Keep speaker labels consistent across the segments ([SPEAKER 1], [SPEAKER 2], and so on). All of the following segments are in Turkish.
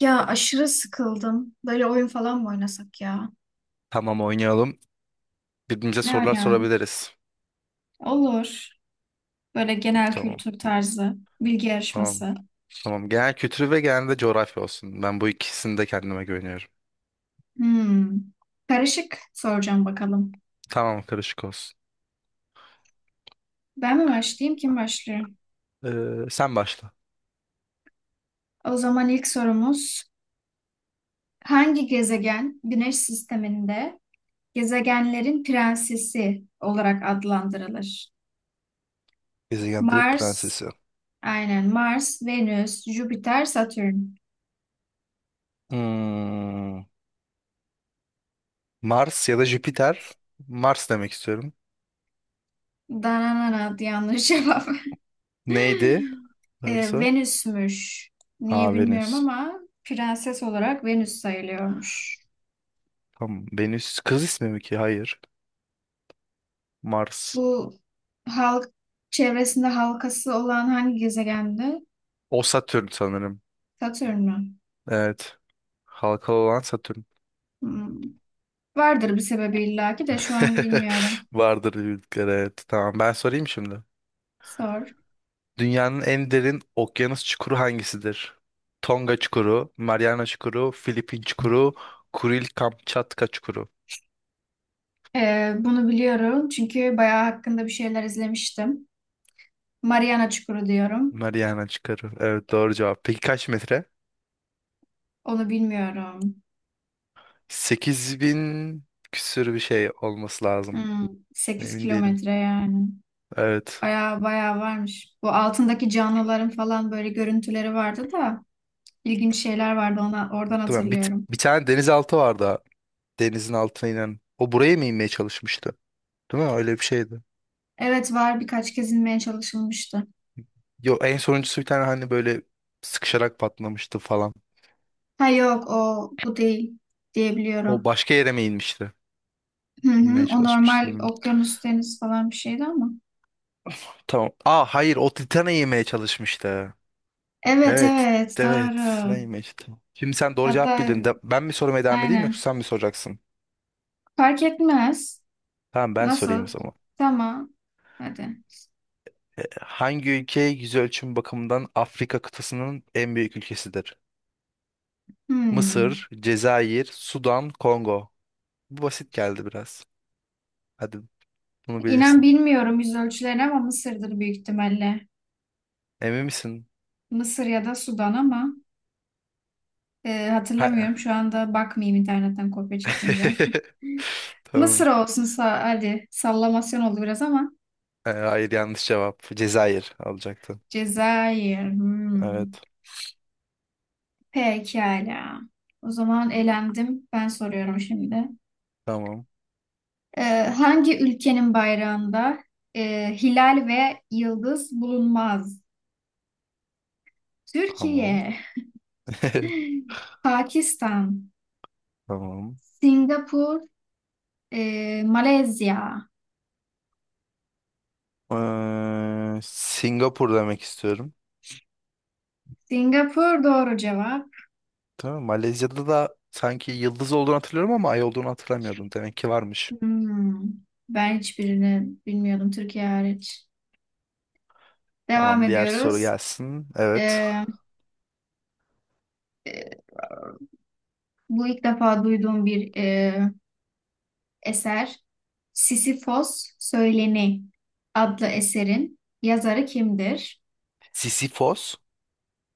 [SPEAKER 1] Ya aşırı sıkıldım. Böyle oyun falan mı oynasak ya?
[SPEAKER 2] Tamam oynayalım. Birbirimize
[SPEAKER 1] Ne
[SPEAKER 2] sorular
[SPEAKER 1] oynayalım?
[SPEAKER 2] sorabiliriz.
[SPEAKER 1] Olur. Böyle genel
[SPEAKER 2] Tamam.
[SPEAKER 1] kültür tarzı, bilgi
[SPEAKER 2] Tamam.
[SPEAKER 1] yarışması.
[SPEAKER 2] Tamam. Genel kültürü ve genel de coğrafya olsun. Ben bu ikisini de kendime güveniyorum.
[SPEAKER 1] Hmm. Karışık soracağım bakalım.
[SPEAKER 2] Tamam karışık olsun.
[SPEAKER 1] Ben mi başlayayım, kim başlıyor?
[SPEAKER 2] Sen başla.
[SPEAKER 1] O zaman ilk sorumuz hangi gezegen Güneş sisteminde gezegenlerin prensesi olarak adlandırılır?
[SPEAKER 2] Gezegenlerin
[SPEAKER 1] Mars,
[SPEAKER 2] prensesi.
[SPEAKER 1] aynen Mars, Venüs, Jüpiter, Satürn.
[SPEAKER 2] Hmm, Mars ya da Jüpiter. Mars demek istiyorum.
[SPEAKER 1] Dananana yanlış cevap.
[SPEAKER 2] Neydi? Varsa.
[SPEAKER 1] Venüs'müş.
[SPEAKER 2] Aa
[SPEAKER 1] Niye
[SPEAKER 2] Venüs.
[SPEAKER 1] bilmiyorum ama prenses olarak Venüs sayılıyormuş.
[SPEAKER 2] Tamam. Venüs kız ismi mi ki? Hayır. Mars.
[SPEAKER 1] Bu halk çevresinde halkası olan hangi gezegendi?
[SPEAKER 2] O Satürn sanırım.
[SPEAKER 1] Satürn mü?
[SPEAKER 2] Evet. Halkalı olan Satürn.
[SPEAKER 1] Hmm. Vardır bir sebebi illaki de şu an bilmiyorum.
[SPEAKER 2] Vardır bildikleri evet. Tamam ben sorayım şimdi.
[SPEAKER 1] Sor.
[SPEAKER 2] Dünyanın en derin okyanus çukuru hangisidir? Tonga çukuru, Mariana çukuru, Filipin çukuru, Kuril Kamçatka çukuru.
[SPEAKER 1] Bunu biliyorum çünkü bayağı hakkında bir şeyler izlemiştim. Mariana Çukuru diyorum.
[SPEAKER 2] Mariana çukuru. Evet doğru cevap. Peki kaç metre?
[SPEAKER 1] Onu bilmiyorum.
[SPEAKER 2] 8.000 küsür bir şey olması lazım.
[SPEAKER 1] Hmm, 8
[SPEAKER 2] Emin değilim.
[SPEAKER 1] kilometre yani.
[SPEAKER 2] Evet.
[SPEAKER 1] Bayağı bayağı varmış. Bu altındaki canlıların falan böyle görüntüleri vardı da. İlginç şeyler vardı ona, oradan
[SPEAKER 2] Tamam. Bir,
[SPEAKER 1] hatırlıyorum.
[SPEAKER 2] bir tane denizaltı vardı. Denizin altına inen. O buraya mı inmeye çalışmıştı? Değil mi? Öyle bir şeydi.
[SPEAKER 1] Evet var birkaç kez inmeye çalışılmıştı.
[SPEAKER 2] Yok en sonuncusu bir tane hani böyle sıkışarak patlamıştı falan.
[SPEAKER 1] Ha yok o bu değil
[SPEAKER 2] O
[SPEAKER 1] diyebiliyorum.
[SPEAKER 2] başka yere mi inmişti?
[SPEAKER 1] Hı hı,
[SPEAKER 2] İnmeye
[SPEAKER 1] o
[SPEAKER 2] çalışmıştı.
[SPEAKER 1] normal okyanus deniz falan bir şeydi ama.
[SPEAKER 2] Tamam. Aa hayır o Titan'ı yemeye çalışmıştı.
[SPEAKER 1] Evet
[SPEAKER 2] Evet.
[SPEAKER 1] evet
[SPEAKER 2] Evet. Ne
[SPEAKER 1] doğru.
[SPEAKER 2] yemeye çalıştı? Şimdi sen doğru cevap
[SPEAKER 1] Hatta
[SPEAKER 2] bildin. De, ben mi sormaya devam edeyim yoksa
[SPEAKER 1] aynen.
[SPEAKER 2] sen mi soracaksın?
[SPEAKER 1] Fark etmez.
[SPEAKER 2] Tamam ben sorayım o
[SPEAKER 1] Nasıl?
[SPEAKER 2] zaman.
[SPEAKER 1] Tamam. Hadi.
[SPEAKER 2] Hangi ülke yüz ölçümü bakımından Afrika kıtasının en büyük ülkesidir?
[SPEAKER 1] Hmm.
[SPEAKER 2] Mısır, Cezayir, Sudan, Kongo. Bu basit geldi biraz. Hadi bunu
[SPEAKER 1] İnan
[SPEAKER 2] bilirsin.
[SPEAKER 1] bilmiyorum yüz ölçülerini ama Mısır'dır büyük ihtimalle.
[SPEAKER 2] Emin misin?
[SPEAKER 1] Mısır ya da Sudan ama
[SPEAKER 2] Ha-
[SPEAKER 1] hatırlamıyorum. Şu anda bakmayayım internetten kopya çekmeyeceğim. Mısır
[SPEAKER 2] Tamam.
[SPEAKER 1] olsun sa hadi sallamasyon oldu biraz ama
[SPEAKER 2] Hayır yanlış cevap. Cezayir alacaktın.
[SPEAKER 1] Cezayir. Hmm.
[SPEAKER 2] Evet.
[SPEAKER 1] Pekala. O zaman elendim. Ben soruyorum şimdi.
[SPEAKER 2] Tamam.
[SPEAKER 1] Ee, hangi ülkenin bayrağında hilal ve yıldız bulunmaz?
[SPEAKER 2] Tamam.
[SPEAKER 1] Türkiye, Pakistan,
[SPEAKER 2] Tamam.
[SPEAKER 1] Singapur, Malezya.
[SPEAKER 2] Singapur demek istiyorum.
[SPEAKER 1] Singapur doğru cevap.
[SPEAKER 2] Tamam. Malezya'da da sanki yıldız olduğunu hatırlıyorum ama ay olduğunu hatırlamıyordum. Demek ki varmış.
[SPEAKER 1] Hmm. Ben hiçbirini bilmiyordum Türkiye hariç. Devam
[SPEAKER 2] Tamam. Diğer soru
[SPEAKER 1] ediyoruz.
[SPEAKER 2] gelsin. Evet.
[SPEAKER 1] Ee, Bu ilk defa duyduğum bir eser. Sisifos Söyleni adlı eserin yazarı kimdir?
[SPEAKER 2] Sisyphos.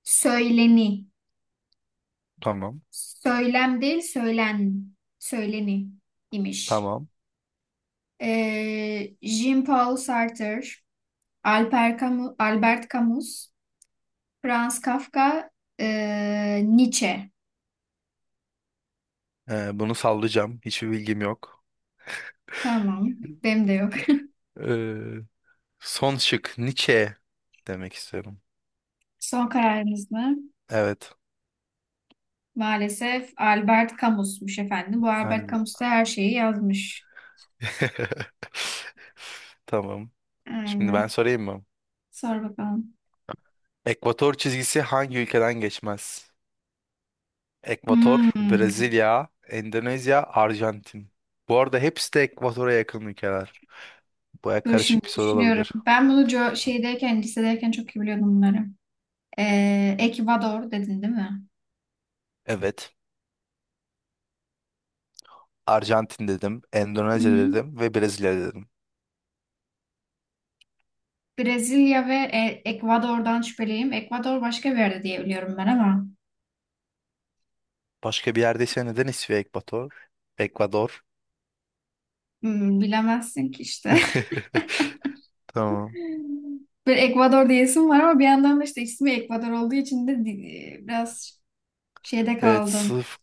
[SPEAKER 1] Söyleni.
[SPEAKER 2] Tamam.
[SPEAKER 1] Söylem değil, söylen. Söyleni imiş.
[SPEAKER 2] Tamam.
[SPEAKER 1] E, Jean-Paul Sartre, Alper Camus, Albert Camus, Franz Kafka, Nietzsche.
[SPEAKER 2] Bunu sallayacağım. Hiçbir bilgim yok.
[SPEAKER 1] Tamam, benim de yok.
[SPEAKER 2] Ee, son şık Nietzsche demek istiyorum.
[SPEAKER 1] Son kararınız mı?
[SPEAKER 2] Evet.
[SPEAKER 1] Maalesef Albert Camus'muş efendim. Bu Albert
[SPEAKER 2] Hani...
[SPEAKER 1] Camus da her şeyi yazmış.
[SPEAKER 2] Tamam. Şimdi ben
[SPEAKER 1] Aynen.
[SPEAKER 2] sorayım mı?
[SPEAKER 1] Sor bakalım.
[SPEAKER 2] Ekvator çizgisi hangi ülkeden geçmez? Ekvator,
[SPEAKER 1] Hmm.
[SPEAKER 2] Brezilya, Endonezya, Arjantin. Bu arada hepsi de Ekvator'a yakın ülkeler. Baya
[SPEAKER 1] Dur
[SPEAKER 2] karışık
[SPEAKER 1] şimdi
[SPEAKER 2] bir soru
[SPEAKER 1] düşünüyorum.
[SPEAKER 2] olabilir.
[SPEAKER 1] Ben bunu şeydeyken, lisedeyken çok iyi biliyordum bunları. Ekvador dedin değil mi?
[SPEAKER 2] Evet. Arjantin dedim,
[SPEAKER 1] Hı
[SPEAKER 2] Endonezya
[SPEAKER 1] hı.
[SPEAKER 2] dedim ve Brezilya dedim.
[SPEAKER 1] Brezilya ve Ekvador'dan şüpheliyim. Ekvador başka bir yerde diye biliyorum ben ama
[SPEAKER 2] Başka bir yerdeyse neden ismi Ekvator? Ekvador.
[SPEAKER 1] hmm, bilemezsin ki işte.
[SPEAKER 2] Tamam.
[SPEAKER 1] Bir Ekvador diyesim var ama bir yandan da işte ismi Ekvador olduğu için de biraz şeyde
[SPEAKER 2] Evet
[SPEAKER 1] kaldım.
[SPEAKER 2] sırf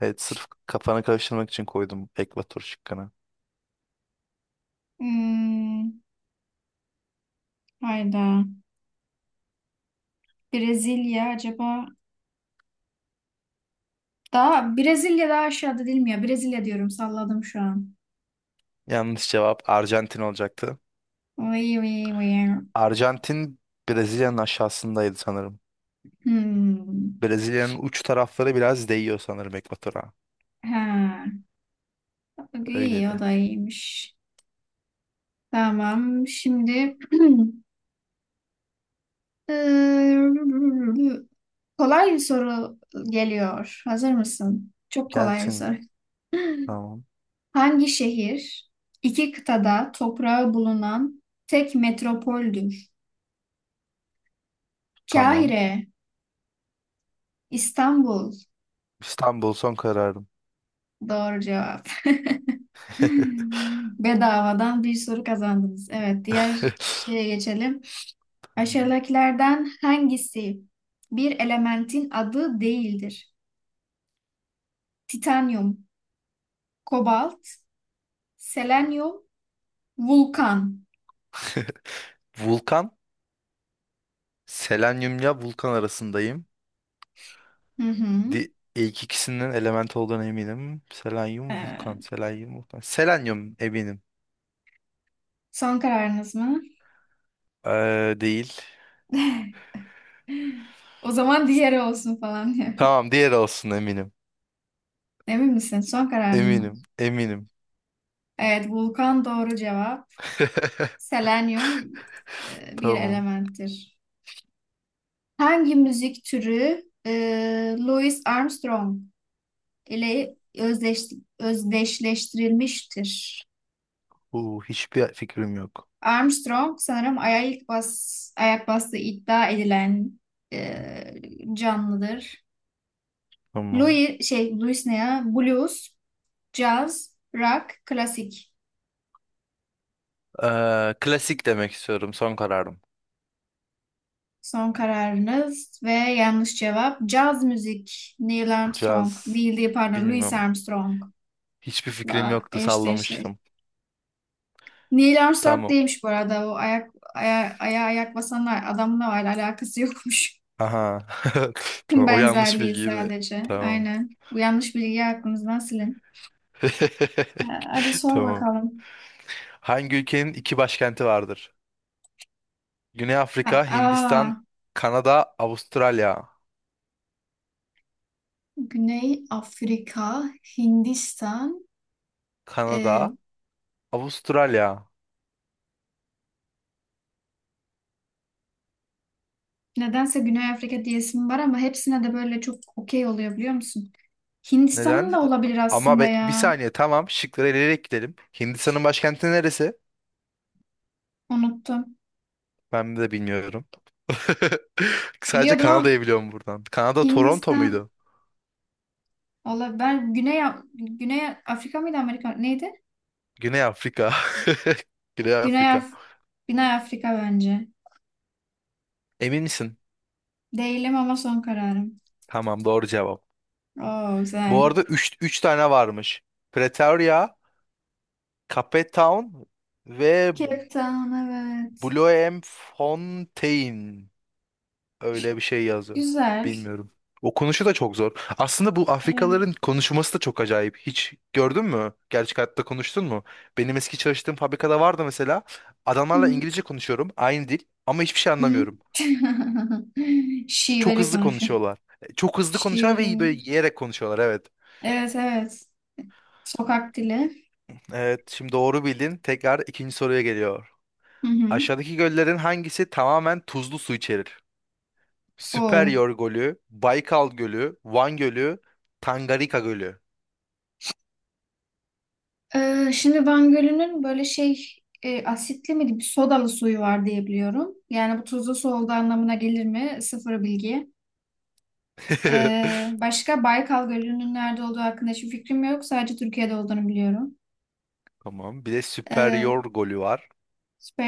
[SPEAKER 2] evet sırf kafanı karıştırmak için koydum Ekvator şıkkını.
[SPEAKER 1] Hmm. Hayda. Brezilya acaba daha Brezilya daha aşağıda değil mi ya? Brezilya diyorum salladım şu an.
[SPEAKER 2] Yanlış cevap Arjantin olacaktı.
[SPEAKER 1] Oy, oy, oy.
[SPEAKER 2] Arjantin Brezilya'nın aşağısındaydı sanırım.
[SPEAKER 1] Hmm.
[SPEAKER 2] Brezilya'nın uç tarafları biraz değiyor sanırım Ekvator'a.
[SPEAKER 1] Ha.
[SPEAKER 2] Öyle
[SPEAKER 1] İyi o
[SPEAKER 2] de.
[SPEAKER 1] da iyiymiş. Tamam şimdi eee, kolay bir soru geliyor. Hazır mısın? Çok kolay bir
[SPEAKER 2] Gelsin.
[SPEAKER 1] soru.
[SPEAKER 2] Tamam.
[SPEAKER 1] Hangi şehir iki kıtada toprağı bulunan tek metropoldür?
[SPEAKER 2] Tamam.
[SPEAKER 1] Kahire, İstanbul.
[SPEAKER 2] İstanbul son kararım.
[SPEAKER 1] Doğru cevap. Bedavadan bir soru kazandınız. Evet, diğer şeye geçelim. Aşağıdakilerden hangisi bir elementin adı değildir? Titanyum, kobalt, selenyum, vulkan.
[SPEAKER 2] Vulkan. Selenyumla vulkan arasındayım.
[SPEAKER 1] Hı hı.
[SPEAKER 2] Di ilk ikisinin element olduğuna eminim. Selenyum, vulkan.
[SPEAKER 1] Ee,
[SPEAKER 2] Selenyum, vulkan. Selenyum eminim.
[SPEAKER 1] son kararınız mı?
[SPEAKER 2] Değil.
[SPEAKER 1] O zaman diğeri olsun falan diyor.
[SPEAKER 2] Tamam diğer olsun eminim.
[SPEAKER 1] Emin misin? Son kararın mı?
[SPEAKER 2] Eminim. Eminim.
[SPEAKER 1] Evet, vulkan doğru cevap. Selenyum bir
[SPEAKER 2] Tamam.
[SPEAKER 1] elementtir. Hangi müzik türü Louis Armstrong ile özdeş, özdeşleştirilmiştir?
[SPEAKER 2] Hiçbir fikrim yok.
[SPEAKER 1] Armstrong sanırım ayak bastığı iddia edilen e, canlıdır.
[SPEAKER 2] Tamam.
[SPEAKER 1] Louis ne ya? Blues, caz, rock, klasik.
[SPEAKER 2] Klasik demek istiyorum. Son kararım.
[SPEAKER 1] Son kararınız ve yanlış cevap caz müzik Neil Armstrong.
[SPEAKER 2] Caz.
[SPEAKER 1] Neil değil pardon Louis
[SPEAKER 2] Bilmem.
[SPEAKER 1] Armstrong.
[SPEAKER 2] Hiçbir fikrim yoktu
[SPEAKER 1] Eşleşti.
[SPEAKER 2] sallamıştım.
[SPEAKER 1] Neil Armstrong
[SPEAKER 2] Tamam.
[SPEAKER 1] değilmiş bu arada. O ayağa ayak basan adamla var. Alakası yokmuş.
[SPEAKER 2] Aha. Tamam o yanlış
[SPEAKER 1] Benzerliği
[SPEAKER 2] bilgiydi.
[SPEAKER 1] sadece.
[SPEAKER 2] Tamam.
[SPEAKER 1] Aynen. Bu yanlış bilgiyi aklımızdan silin. Ha, hadi sor
[SPEAKER 2] Tamam.
[SPEAKER 1] bakalım.
[SPEAKER 2] Hangi ülkenin iki başkenti vardır? Güney
[SPEAKER 1] Ha,
[SPEAKER 2] Afrika, Hindistan,
[SPEAKER 1] aa,
[SPEAKER 2] Kanada, Avustralya.
[SPEAKER 1] Güney Afrika, Hindistan.
[SPEAKER 2] Kanada,
[SPEAKER 1] Ee,
[SPEAKER 2] Avustralya.
[SPEAKER 1] nedense Güney Afrika diyesim var ama hepsine de böyle çok okey oluyor biliyor musun? Hindistan'ın
[SPEAKER 2] Neden?
[SPEAKER 1] da olabilir
[SPEAKER 2] Ama
[SPEAKER 1] aslında
[SPEAKER 2] bir
[SPEAKER 1] ya.
[SPEAKER 2] saniye tamam şıkları eleyerek gidelim. Hindistan'ın başkenti neresi?
[SPEAKER 1] Unuttum.
[SPEAKER 2] Ben de bilmiyorum. Sadece
[SPEAKER 1] Biliyordum ama
[SPEAKER 2] Kanada'yı biliyorum buradan. Kanada Toronto
[SPEAKER 1] Hindistan
[SPEAKER 2] muydu?
[SPEAKER 1] olabilir. Güney Afrika mıydı Amerika? Neydi?
[SPEAKER 2] Güney Afrika. Güney
[SPEAKER 1] Güney,
[SPEAKER 2] Afrika.
[SPEAKER 1] Af Güney Afrika bence.
[SPEAKER 2] Emin misin?
[SPEAKER 1] Değilim ama son kararım.
[SPEAKER 2] Tamam doğru cevap.
[SPEAKER 1] Oo
[SPEAKER 2] Bu
[SPEAKER 1] güzel.
[SPEAKER 2] arada üç tane varmış. Pretoria, Cape Town ve
[SPEAKER 1] Cape Town evet.
[SPEAKER 2] Bloemfontein. Öyle bir şey yazıyor.
[SPEAKER 1] Güzel.
[SPEAKER 2] Bilmiyorum. Okunuşu da çok zor. Aslında bu
[SPEAKER 1] Evet.
[SPEAKER 2] Afrikalıların konuşması da çok acayip. Hiç gördün mü? Gerçek hayatta konuştun mu? Benim eski çalıştığım fabrikada vardı mesela.
[SPEAKER 1] Hı
[SPEAKER 2] Adamlarla
[SPEAKER 1] hı.
[SPEAKER 2] İngilizce konuşuyorum. Aynı dil. Ama hiçbir şey
[SPEAKER 1] Hı.
[SPEAKER 2] anlamıyorum. Çok
[SPEAKER 1] Şiveli
[SPEAKER 2] hızlı
[SPEAKER 1] konuşuyor.
[SPEAKER 2] konuşuyorlar. Çok hızlı konuşuyorlar
[SPEAKER 1] Şiveli
[SPEAKER 2] ve böyle
[SPEAKER 1] İngiliz.
[SPEAKER 2] yiyerek konuşuyorlar. Evet.
[SPEAKER 1] Evet evet. Sokak dili.
[SPEAKER 2] Evet, şimdi doğru bildin. Tekrar ikinci soruya geliyor.
[SPEAKER 1] Hı hı.
[SPEAKER 2] Aşağıdaki göllerin hangisi tamamen tuzlu su içerir?
[SPEAKER 1] O.
[SPEAKER 2] Süperyor Gölü, Baykal Gölü, Van Gölü, Tangarika Gölü.
[SPEAKER 1] Şimdi Van Gölü'nün asitli mi bir sodalı suyu var diye biliyorum. Yani bu tuzlu su olduğu anlamına gelir mi? Sıfır bilgi. Başka Baykal Gölü'nün nerede olduğu hakkında hiçbir fikrim yok. Sadece Türkiye'de olduğunu biliyorum.
[SPEAKER 2] Tamam. Bir de
[SPEAKER 1] Ee,
[SPEAKER 2] Superior Gölü var.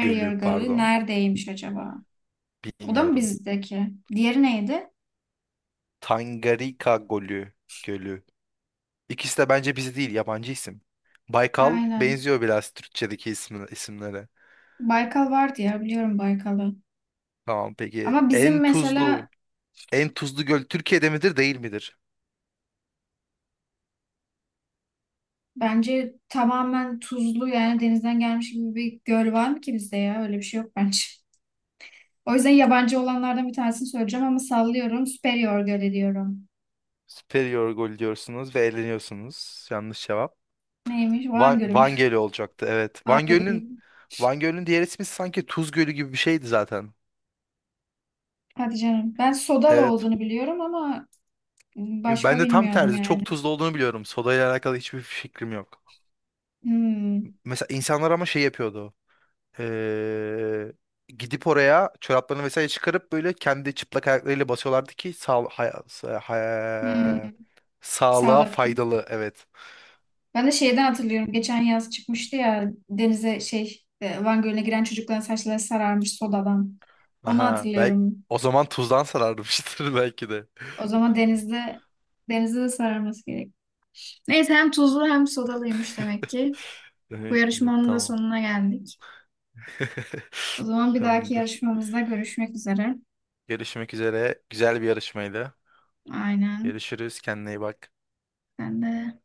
[SPEAKER 2] Gölü
[SPEAKER 1] Gölü
[SPEAKER 2] pardon.
[SPEAKER 1] neredeymiş acaba? O da mı
[SPEAKER 2] Bilmiyorum.
[SPEAKER 1] bizdeki? Diğeri neydi?
[SPEAKER 2] Tangarika Gölü. Gölü. İkisi de bence bizi değil, yabancı isim. Baykal
[SPEAKER 1] Aynen.
[SPEAKER 2] benziyor biraz Türkçedeki ismi, isimlere.
[SPEAKER 1] Baykal vardı ya biliyorum Baykal'ı.
[SPEAKER 2] Tamam peki.
[SPEAKER 1] Ama bizim
[SPEAKER 2] En
[SPEAKER 1] mesela
[SPEAKER 2] tuzlu, en tuzlu göl Türkiye'de midir, değil midir?
[SPEAKER 1] bence tamamen tuzlu yani denizden gelmiş gibi bir göl var mı ki bizde ya? Öyle bir şey yok bence. O yüzden yabancı olanlardan bir tanesini söyleyeceğim ama sallıyorum. Superior Gölü diyorum.
[SPEAKER 2] Superior gol diyorsunuz ve eğleniyorsunuz. Yanlış cevap.
[SPEAKER 1] Neymiş? Van
[SPEAKER 2] Van,
[SPEAKER 1] Gölü mü?
[SPEAKER 2] Van Gölü olacaktı. Evet. Van
[SPEAKER 1] Ay.
[SPEAKER 2] Gölü'nün Van Gölü'nün diğer ismi sanki Tuz Gölü gibi bir şeydi zaten.
[SPEAKER 1] Hadi canım. Ben sodalı
[SPEAKER 2] Evet.
[SPEAKER 1] olduğunu biliyorum ama başka
[SPEAKER 2] Ben de tam
[SPEAKER 1] bilmiyordum
[SPEAKER 2] tersi.
[SPEAKER 1] yani.
[SPEAKER 2] Çok tuzlu olduğunu biliyorum. Sodayla alakalı hiçbir fikrim yok.
[SPEAKER 1] Hmm.
[SPEAKER 2] Mesela insanlar ama şey yapıyordu. Ee, gidip oraya çoraplarını vesaire çıkarıp böyle kendi çıplak ayaklarıyla basıyorlardı ki
[SPEAKER 1] Hmm.
[SPEAKER 2] sağlığa
[SPEAKER 1] Sağlık.
[SPEAKER 2] faydalı. Evet.
[SPEAKER 1] Ben de şeyden hatırlıyorum. Geçen yaz çıkmıştı ya denize Van Gölü'ne giren çocukların saçları sararmış sodadan. Onu
[SPEAKER 2] Aha. Belki,
[SPEAKER 1] hatırlıyorum.
[SPEAKER 2] o zaman tuzdan sararmıştır belki de.
[SPEAKER 1] O zaman denizde de sararması gerek. Neyse hem tuzlu hem sodalıymış demek ki. Bu
[SPEAKER 2] Peki,
[SPEAKER 1] yarışmanın da
[SPEAKER 2] tamam.
[SPEAKER 1] sonuna geldik. O zaman bir dahaki
[SPEAKER 2] Tamamdır.
[SPEAKER 1] yarışmamızda görüşmek üzere.
[SPEAKER 2] Görüşmek üzere. Güzel bir yarışmaydı.
[SPEAKER 1] Aynen.
[SPEAKER 2] Görüşürüz. Kendine iyi bak.
[SPEAKER 1] Ben de